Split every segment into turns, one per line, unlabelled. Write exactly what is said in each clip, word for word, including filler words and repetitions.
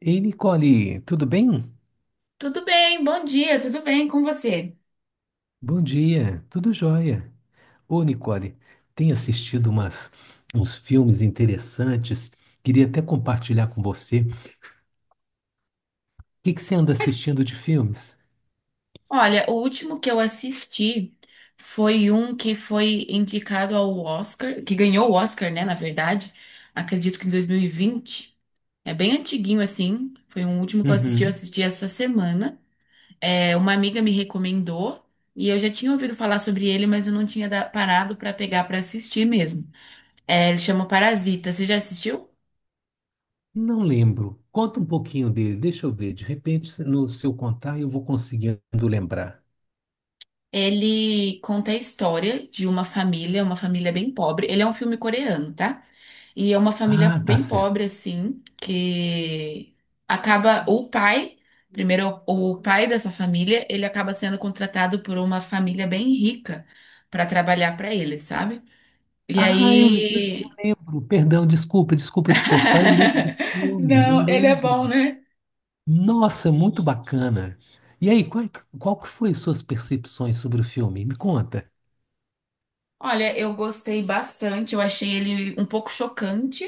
Ei, Nicole, tudo bem?
Tudo bem, bom dia, tudo bem com você?
Bom dia, tudo jóia. Ô, Nicole, tenho assistido umas, uns filmes interessantes, queria até compartilhar com você. O que que você anda assistindo de filmes?
Olha, o último que eu assisti foi um que foi indicado ao Oscar, que ganhou o Oscar, né, na verdade, acredito que em dois mil e vinte. É bem antiguinho assim, foi um último que eu assisti, eu
Uhum.
assisti essa semana. É, uma amiga me recomendou e eu já tinha ouvido falar sobre ele, mas eu não tinha da- parado pra pegar pra assistir mesmo. É, ele chama Parasita, você já assistiu?
Não lembro. Conta um pouquinho dele, deixa eu ver. De repente, se- no seu contar, eu vou conseguindo lembrar.
Ele conta a história de uma família, uma família bem pobre. Ele é um filme coreano, tá? E é uma família
Ah, tá
bem
certo.
pobre, assim, que acaba. O pai, primeiro, o pai dessa família, ele acaba sendo contratado por uma família bem rica pra trabalhar pra ele, sabe? E
Ah, eu, le- eu
aí.
lembro. Perdão, desculpa, desculpa te cortar. Eu lembro do filme, eu
Não, ele é
lembro.
bom, né?
Nossa, muito bacana. E aí, qual, qual que foi suas percepções sobre o filme? Me conta.
Olha, eu gostei bastante. Eu achei ele um pouco chocante.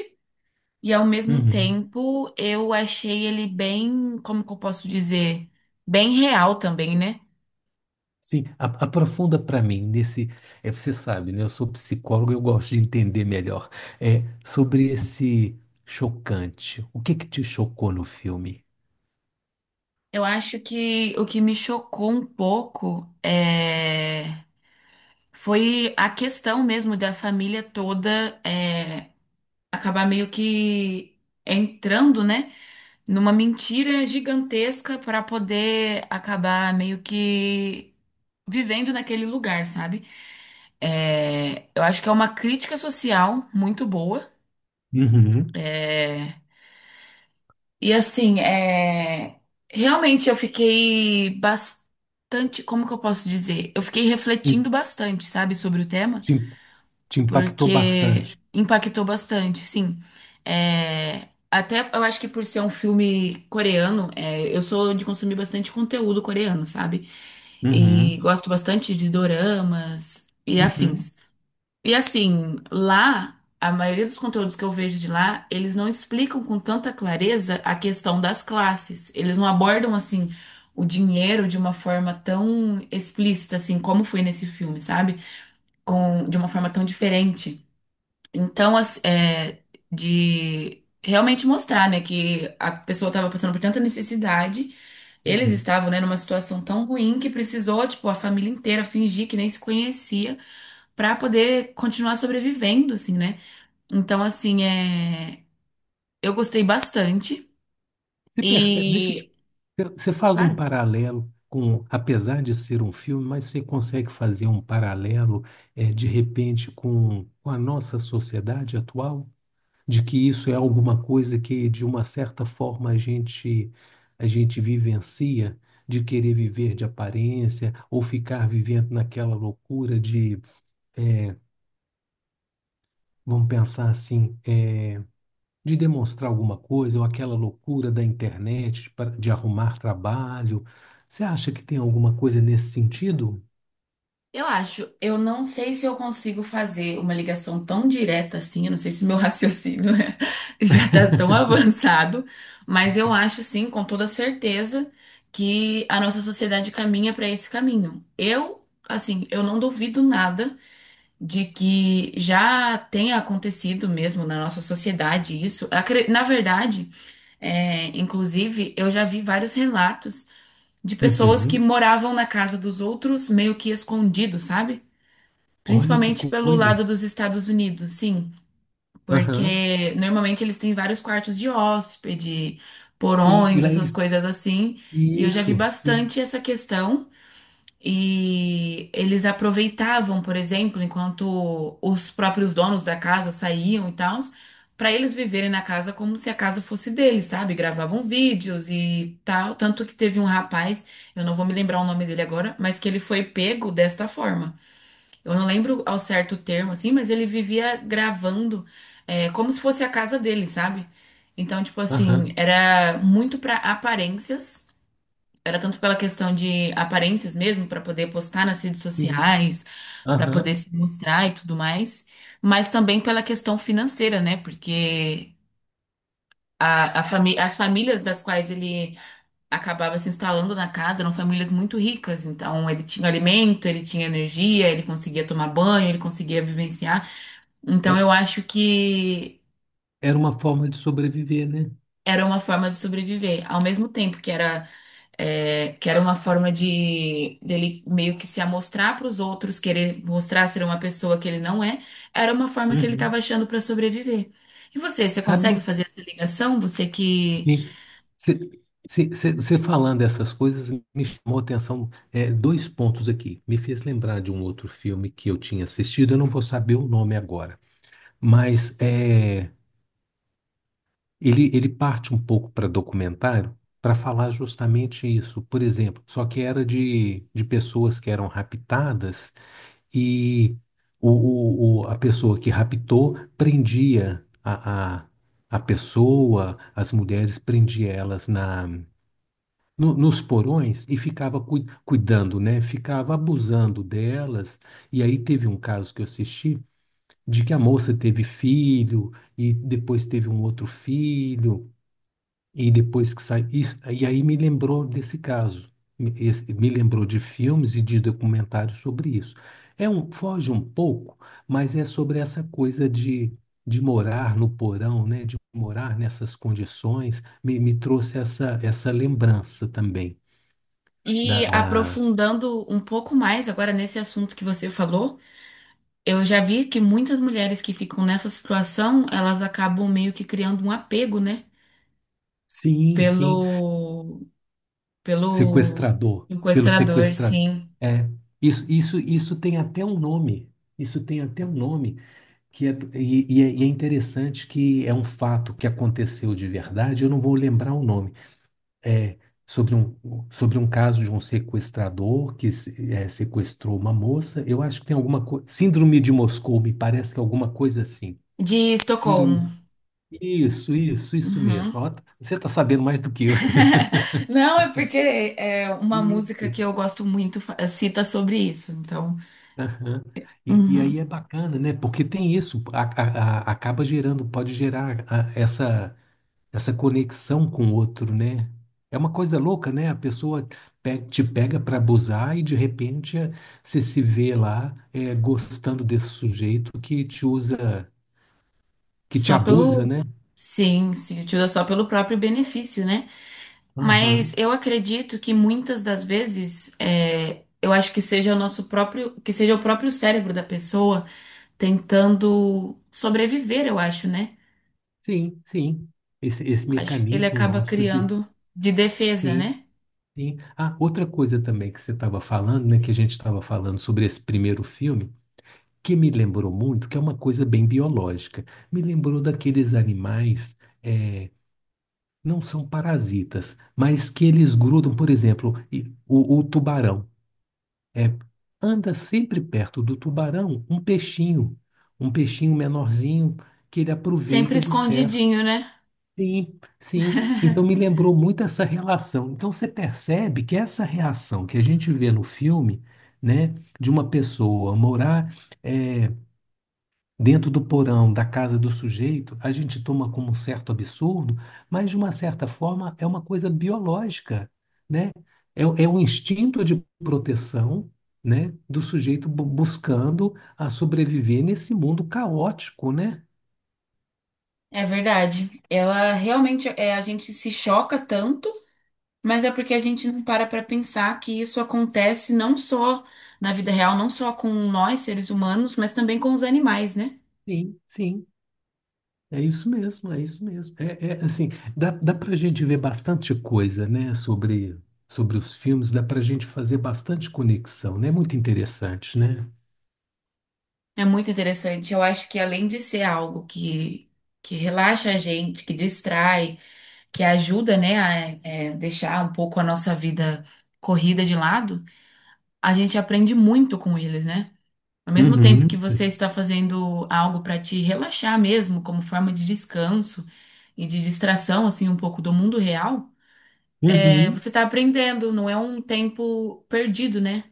E ao mesmo
Uhum.
tempo, eu achei ele bem, como que eu posso dizer? Bem real também, né?
Sim, a- aprofunda para mim nesse. É, você sabe, né? Eu sou psicólogo, eu gosto de entender melhor. É, sobre esse chocante. O que que te chocou no filme?
Eu acho que o que me chocou um pouco é, foi a questão mesmo da família toda é, acabar meio que entrando, né, numa mentira gigantesca para poder acabar meio que vivendo naquele lugar, sabe? É, eu acho que é uma crítica social muito boa
Uhum.
é, E assim, é... realmente eu fiquei bastante. Como que eu posso dizer? Eu fiquei refletindo
Em-
bastante, sabe, sobre o tema,
Te, te impactou
porque
bastante.
impactou bastante, sim. É, até eu acho que por ser um filme coreano, é, eu sou de consumir bastante conteúdo coreano, sabe? E
Uhum.
gosto bastante de doramas e
Uhum.
afins. E assim, lá, a maioria dos conteúdos que eu vejo de lá, eles não explicam com tanta clareza a questão das classes. Eles não abordam assim o dinheiro de uma forma tão explícita assim como foi nesse filme, sabe? Com de uma forma tão diferente. Então, as- é, de realmente mostrar, né, que a pessoa estava passando por tanta necessidade, eles
Sim.
estavam, né, numa situação tão ruim que precisou, tipo, a família inteira fingir que nem se conhecia para poder continuar sobrevivendo, assim, né? Então, assim, é, eu gostei bastante
Você percebe, deixa eu te,
e,
você faz um
claro,
paralelo com, apesar de ser um filme, mas você consegue fazer um paralelo, eh, de repente, com, com a nossa sociedade atual, de que isso é alguma coisa que, de uma certa forma, a gente, a gente vivencia, de querer viver de aparência, ou ficar vivendo naquela loucura de, é, vamos pensar assim, é, de demonstrar alguma coisa, ou aquela loucura da internet de, pa- de arrumar trabalho. Você acha que tem alguma coisa nesse sentido?
eu acho, eu não sei se eu consigo fazer uma ligação tão direta assim, eu não sei se meu raciocínio é- já tá tão avançado, mas eu acho sim, com toda certeza, que a nossa sociedade caminha para esse caminho. Eu, assim, eu não duvido nada de que já tenha acontecido mesmo na nossa sociedade isso. Acre- Na verdade, é, inclusive, eu já vi vários relatos de pessoas que
Uhum.
moravam na casa dos outros meio que escondidos, sabe?
Olha que
Principalmente pelo
coisa.
lado dos Estados Unidos, sim,
Aham.
porque normalmente eles têm vários quartos de hóspede,
Sim, e
porões,
lá
essas
eles.
coisas assim, e eu já vi
Isso. E-
bastante essa questão. E eles aproveitavam, por exemplo, enquanto os próprios donos da casa saíam e tal, para eles viverem na casa como se a casa fosse deles, sabe? Gravavam vídeos e tal. Tanto que teve um rapaz, eu não vou me lembrar o nome dele agora, mas que ele foi pego desta forma. Eu não lembro ao certo o termo, assim, mas ele vivia gravando, é, como se fosse a casa dele, sabe? Então, tipo assim,
Aham.
era muito pra aparências, era tanto pela questão de aparências mesmo, pra poder postar nas redes
Sim.
sociais, pra poder
Aham.
se mostrar e tudo mais, mas também pela questão financeira, né? Porque a, a fami- as famílias das quais ele acabava se instalando na casa, eram famílias muito ricas, então ele tinha alimento, ele tinha energia, ele conseguia tomar banho, ele conseguia vivenciar. Então
É-
eu acho que
Era uma forma de sobreviver, né?
era uma forma de sobreviver, ao mesmo tempo que era é, que era uma forma de dele meio que se amostrar para os outros, querer mostrar ser uma pessoa que ele não é, era uma forma que ele
Uhum.
estava achando para sobreviver. E você, você
Sabe
consegue
uma.
fazer essa ligação? Você que
Você falando essas coisas me chamou a atenção é, dois pontos aqui. Me fez lembrar de um outro filme que eu tinha assistido, eu não vou saber o nome agora. Mas é, ele, ele parte um pouco para documentário para falar justamente isso. Por exemplo, só que era de, de pessoas que eram raptadas e o, o- o- a pessoa que raptou prendia a, a, a pessoa, as mulheres prendia elas na, no- nos porões e ficava cui- cuidando, né? Ficava abusando delas. E aí teve um caso que eu assisti de que a moça teve filho e depois teve um outro filho e depois que saiu isso e aí me lembrou desse caso, me esse- me lembrou de filmes e de documentários sobre isso. É, um foge um pouco, mas é sobre essa coisa de de morar no porão, né, de morar nessas condições. Me, me trouxe essa essa lembrança também
e
da, da...
aprofundando um pouco mais agora nesse assunto que você falou, eu já vi que muitas mulheres que ficam nessa situação, elas acabam meio que criando um apego, né?
sim, sim.
Pelo, pelo
Sequestrador, pelo
sequestrador,
sequestrador.
sim.
É, isso, isso, isso tem até um nome. Isso tem até um nome que é, e, e é, e é interessante, que é um fato que aconteceu de verdade. Eu não vou lembrar o nome. É sobre um, sobre um caso de um sequestrador que se- é, sequestrou uma moça. Eu acho que tem alguma coisa. Síndrome de Moscou, me parece que é alguma coisa assim.
De Estocolmo.
Síndrome. Isso, isso, isso mesmo.
Uhum.
Ó, você está sabendo mais do que eu.
Não, é porque é uma música que
Isso.
eu gosto muito, fa- cita sobre isso. Então,
Aham. E, e aí
uhum.
é bacana, né? Porque tem isso, a- a- a- acaba gerando, pode gerar a- essa, essa conexão com o outro, né? É uma coisa louca, né? A pessoa pe- te pega para abusar e de repente é, você se vê lá é, gostando desse sujeito que te usa, que te
Só
abusa,
pelo.
né?
Sim, se utiliza só pelo próprio benefício, né? Mas
Aham.
eu acredito que muitas das vezes, é, eu acho que seja o nosso próprio, que seja o próprio cérebro da pessoa tentando sobreviver, eu acho, né?
Sim, sim. Esse, esse
Acho que ele
mecanismo
acaba
nosso de.
criando de defesa,
Sim,
né?
sim. Ah, outra coisa também que você estava falando, né? Que a gente estava falando sobre esse primeiro filme, que me lembrou muito, que é uma coisa bem biológica. Me lembrou daqueles animais, eh, não são parasitas, mas que eles grudam, por exemplo, e- o, o tubarão. eh, Anda sempre perto do tubarão um peixinho, um peixinho menorzinho que ele
Sempre
aproveita dos restos.
escondidinho, né?
Sim, sim. Então me lembrou muito essa relação. Então você percebe que essa reação que a gente vê no filme, né, de uma pessoa morar eh, dentro do porão da casa do sujeito, a gente toma como um certo absurdo, mas de uma certa forma é uma coisa biológica, né? É, é um instinto de proteção, né, do sujeito bu- buscando a sobreviver nesse mundo caótico, né?
É verdade. Ela realmente é, a gente se choca tanto, mas é porque a gente não para para pensar que isso acontece não só na vida real, não só com nós, seres humanos, mas também com os animais, né?
Sim, sim. É isso mesmo, é isso mesmo. É, é, assim, dá, dá para a gente ver bastante coisa, né, sobre, sobre os filmes, dá para a gente fazer bastante conexão, né? Muito interessante, né?
É muito interessante. Eu acho que além de ser algo que, que relaxa a gente, que distrai, que ajuda, né, a é, deixar um pouco a nossa vida corrida de lado, a gente aprende muito com eles, né? Ao mesmo tempo que
Uhum,
você está fazendo algo para te relaxar mesmo, como forma de descanso e de distração, assim, um pouco do mundo real, é,
uhum.
você está aprendendo, não é um tempo perdido, né?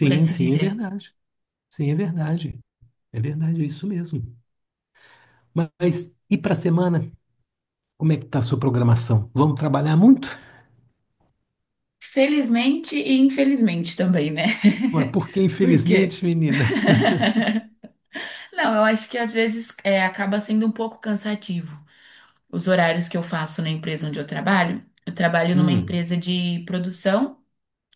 Por assim
sim, é
dizer.
verdade. Sim, é verdade. É verdade, é isso mesmo. Mas e para a semana? Como é que tá a sua programação? Vamos trabalhar muito?
Felizmente e infelizmente também, né?
Ué, porque,
Por quê?
infelizmente, menina.
Não, eu acho que às vezes é, acaba sendo um pouco cansativo. Os horários que eu faço na empresa onde eu trabalho, eu trabalho numa
Hum,
empresa de produção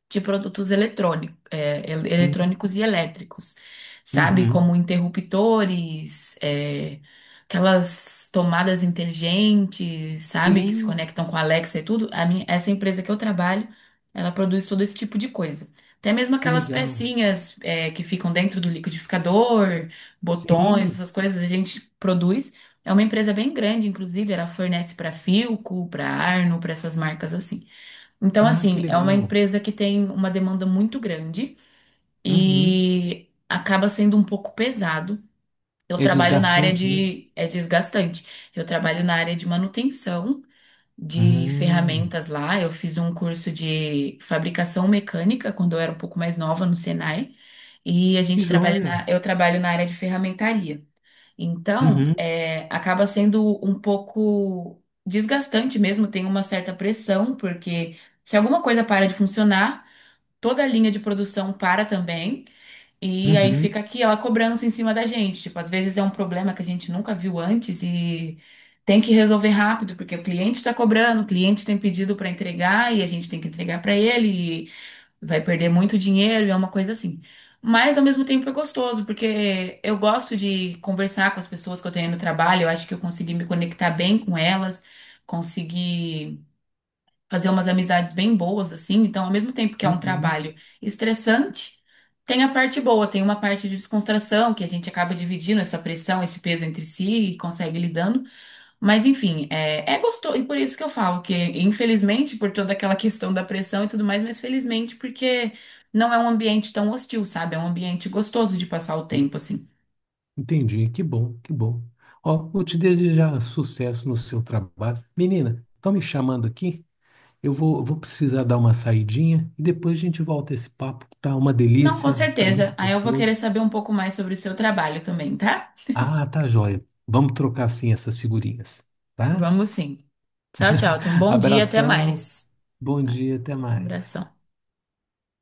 de produtos eletrônico, é, el-
hum,
eletrônicos e elétricos, sabe? Como
uhum.
interruptores, é, aquelas tomadas inteligentes, sabe? Que se
Sim,
conectam com a Alexa e tudo. A minha, essa empresa que eu trabalho, ela produz todo esse tipo de coisa. Até mesmo
que
aquelas
legal.
pecinhas, é, que ficam dentro do liquidificador, botões,
Sim,
essas coisas, a gente produz. É uma empresa bem grande, inclusive, ela fornece para Philco, para Arno, para essas marcas assim. Então,
ah, que
assim, é uma
legal.
empresa que tem uma demanda muito grande
Uhum.
e acaba sendo um pouco pesado. Eu
É
trabalho na área
desgastante, né?
de... É desgastante. Eu trabalho na área de manutenção de
Hum,
ferramentas lá. Eu fiz um curso de fabricação mecânica quando eu era um pouco mais nova no Senai. E a
que
gente trabalha
joia.
na... Eu trabalho na área de ferramentaria. Então,
Uhum,
é, acaba sendo um pouco desgastante mesmo, tem uma certa pressão, porque se alguma coisa para de funcionar, toda a linha de produção para também, e aí
uhum,
fica aquela cobrança em cima da gente. Tipo, às vezes é um problema que a gente nunca viu antes e tem que resolver rápido, porque o cliente está cobrando, o cliente tem pedido para entregar e a gente tem que entregar para ele vai perder muito dinheiro e é uma coisa assim. Mas ao mesmo tempo é gostoso, porque eu gosto de conversar com as pessoas que eu tenho no trabalho, eu acho que eu consegui me conectar bem com elas, consegui fazer umas amizades bem boas assim. Então, ao mesmo tempo que é um
uhum.
trabalho estressante, tem a parte boa, tem uma parte de descontração que a gente acaba dividindo essa pressão, esse peso entre si e consegue lidando. Mas enfim, é, é gostoso, e por isso que eu falo que, infelizmente, por toda aquela questão da pressão e tudo mais, mas felizmente porque não é um ambiente tão hostil, sabe? É um ambiente gostoso de passar o tempo, assim.
Entendi, que bom, que bom. Ó, vou te desejar sucesso no seu trabalho. Menina, estão me chamando aqui? Eu vou, vou precisar dar uma saidinha e depois a gente volta esse papo, que tá uma
Não, com
delícia, tá
certeza.
muito
Aí eu vou querer
gostoso.
saber um pouco mais sobre o seu trabalho também, tá?
Ah, tá joia. Vamos trocar sim essas figurinhas, tá?
Vamos sim. Tchau, tchau. Tenha um bom dia, até
Abração,
mais.
bom dia, até mais.
Abração.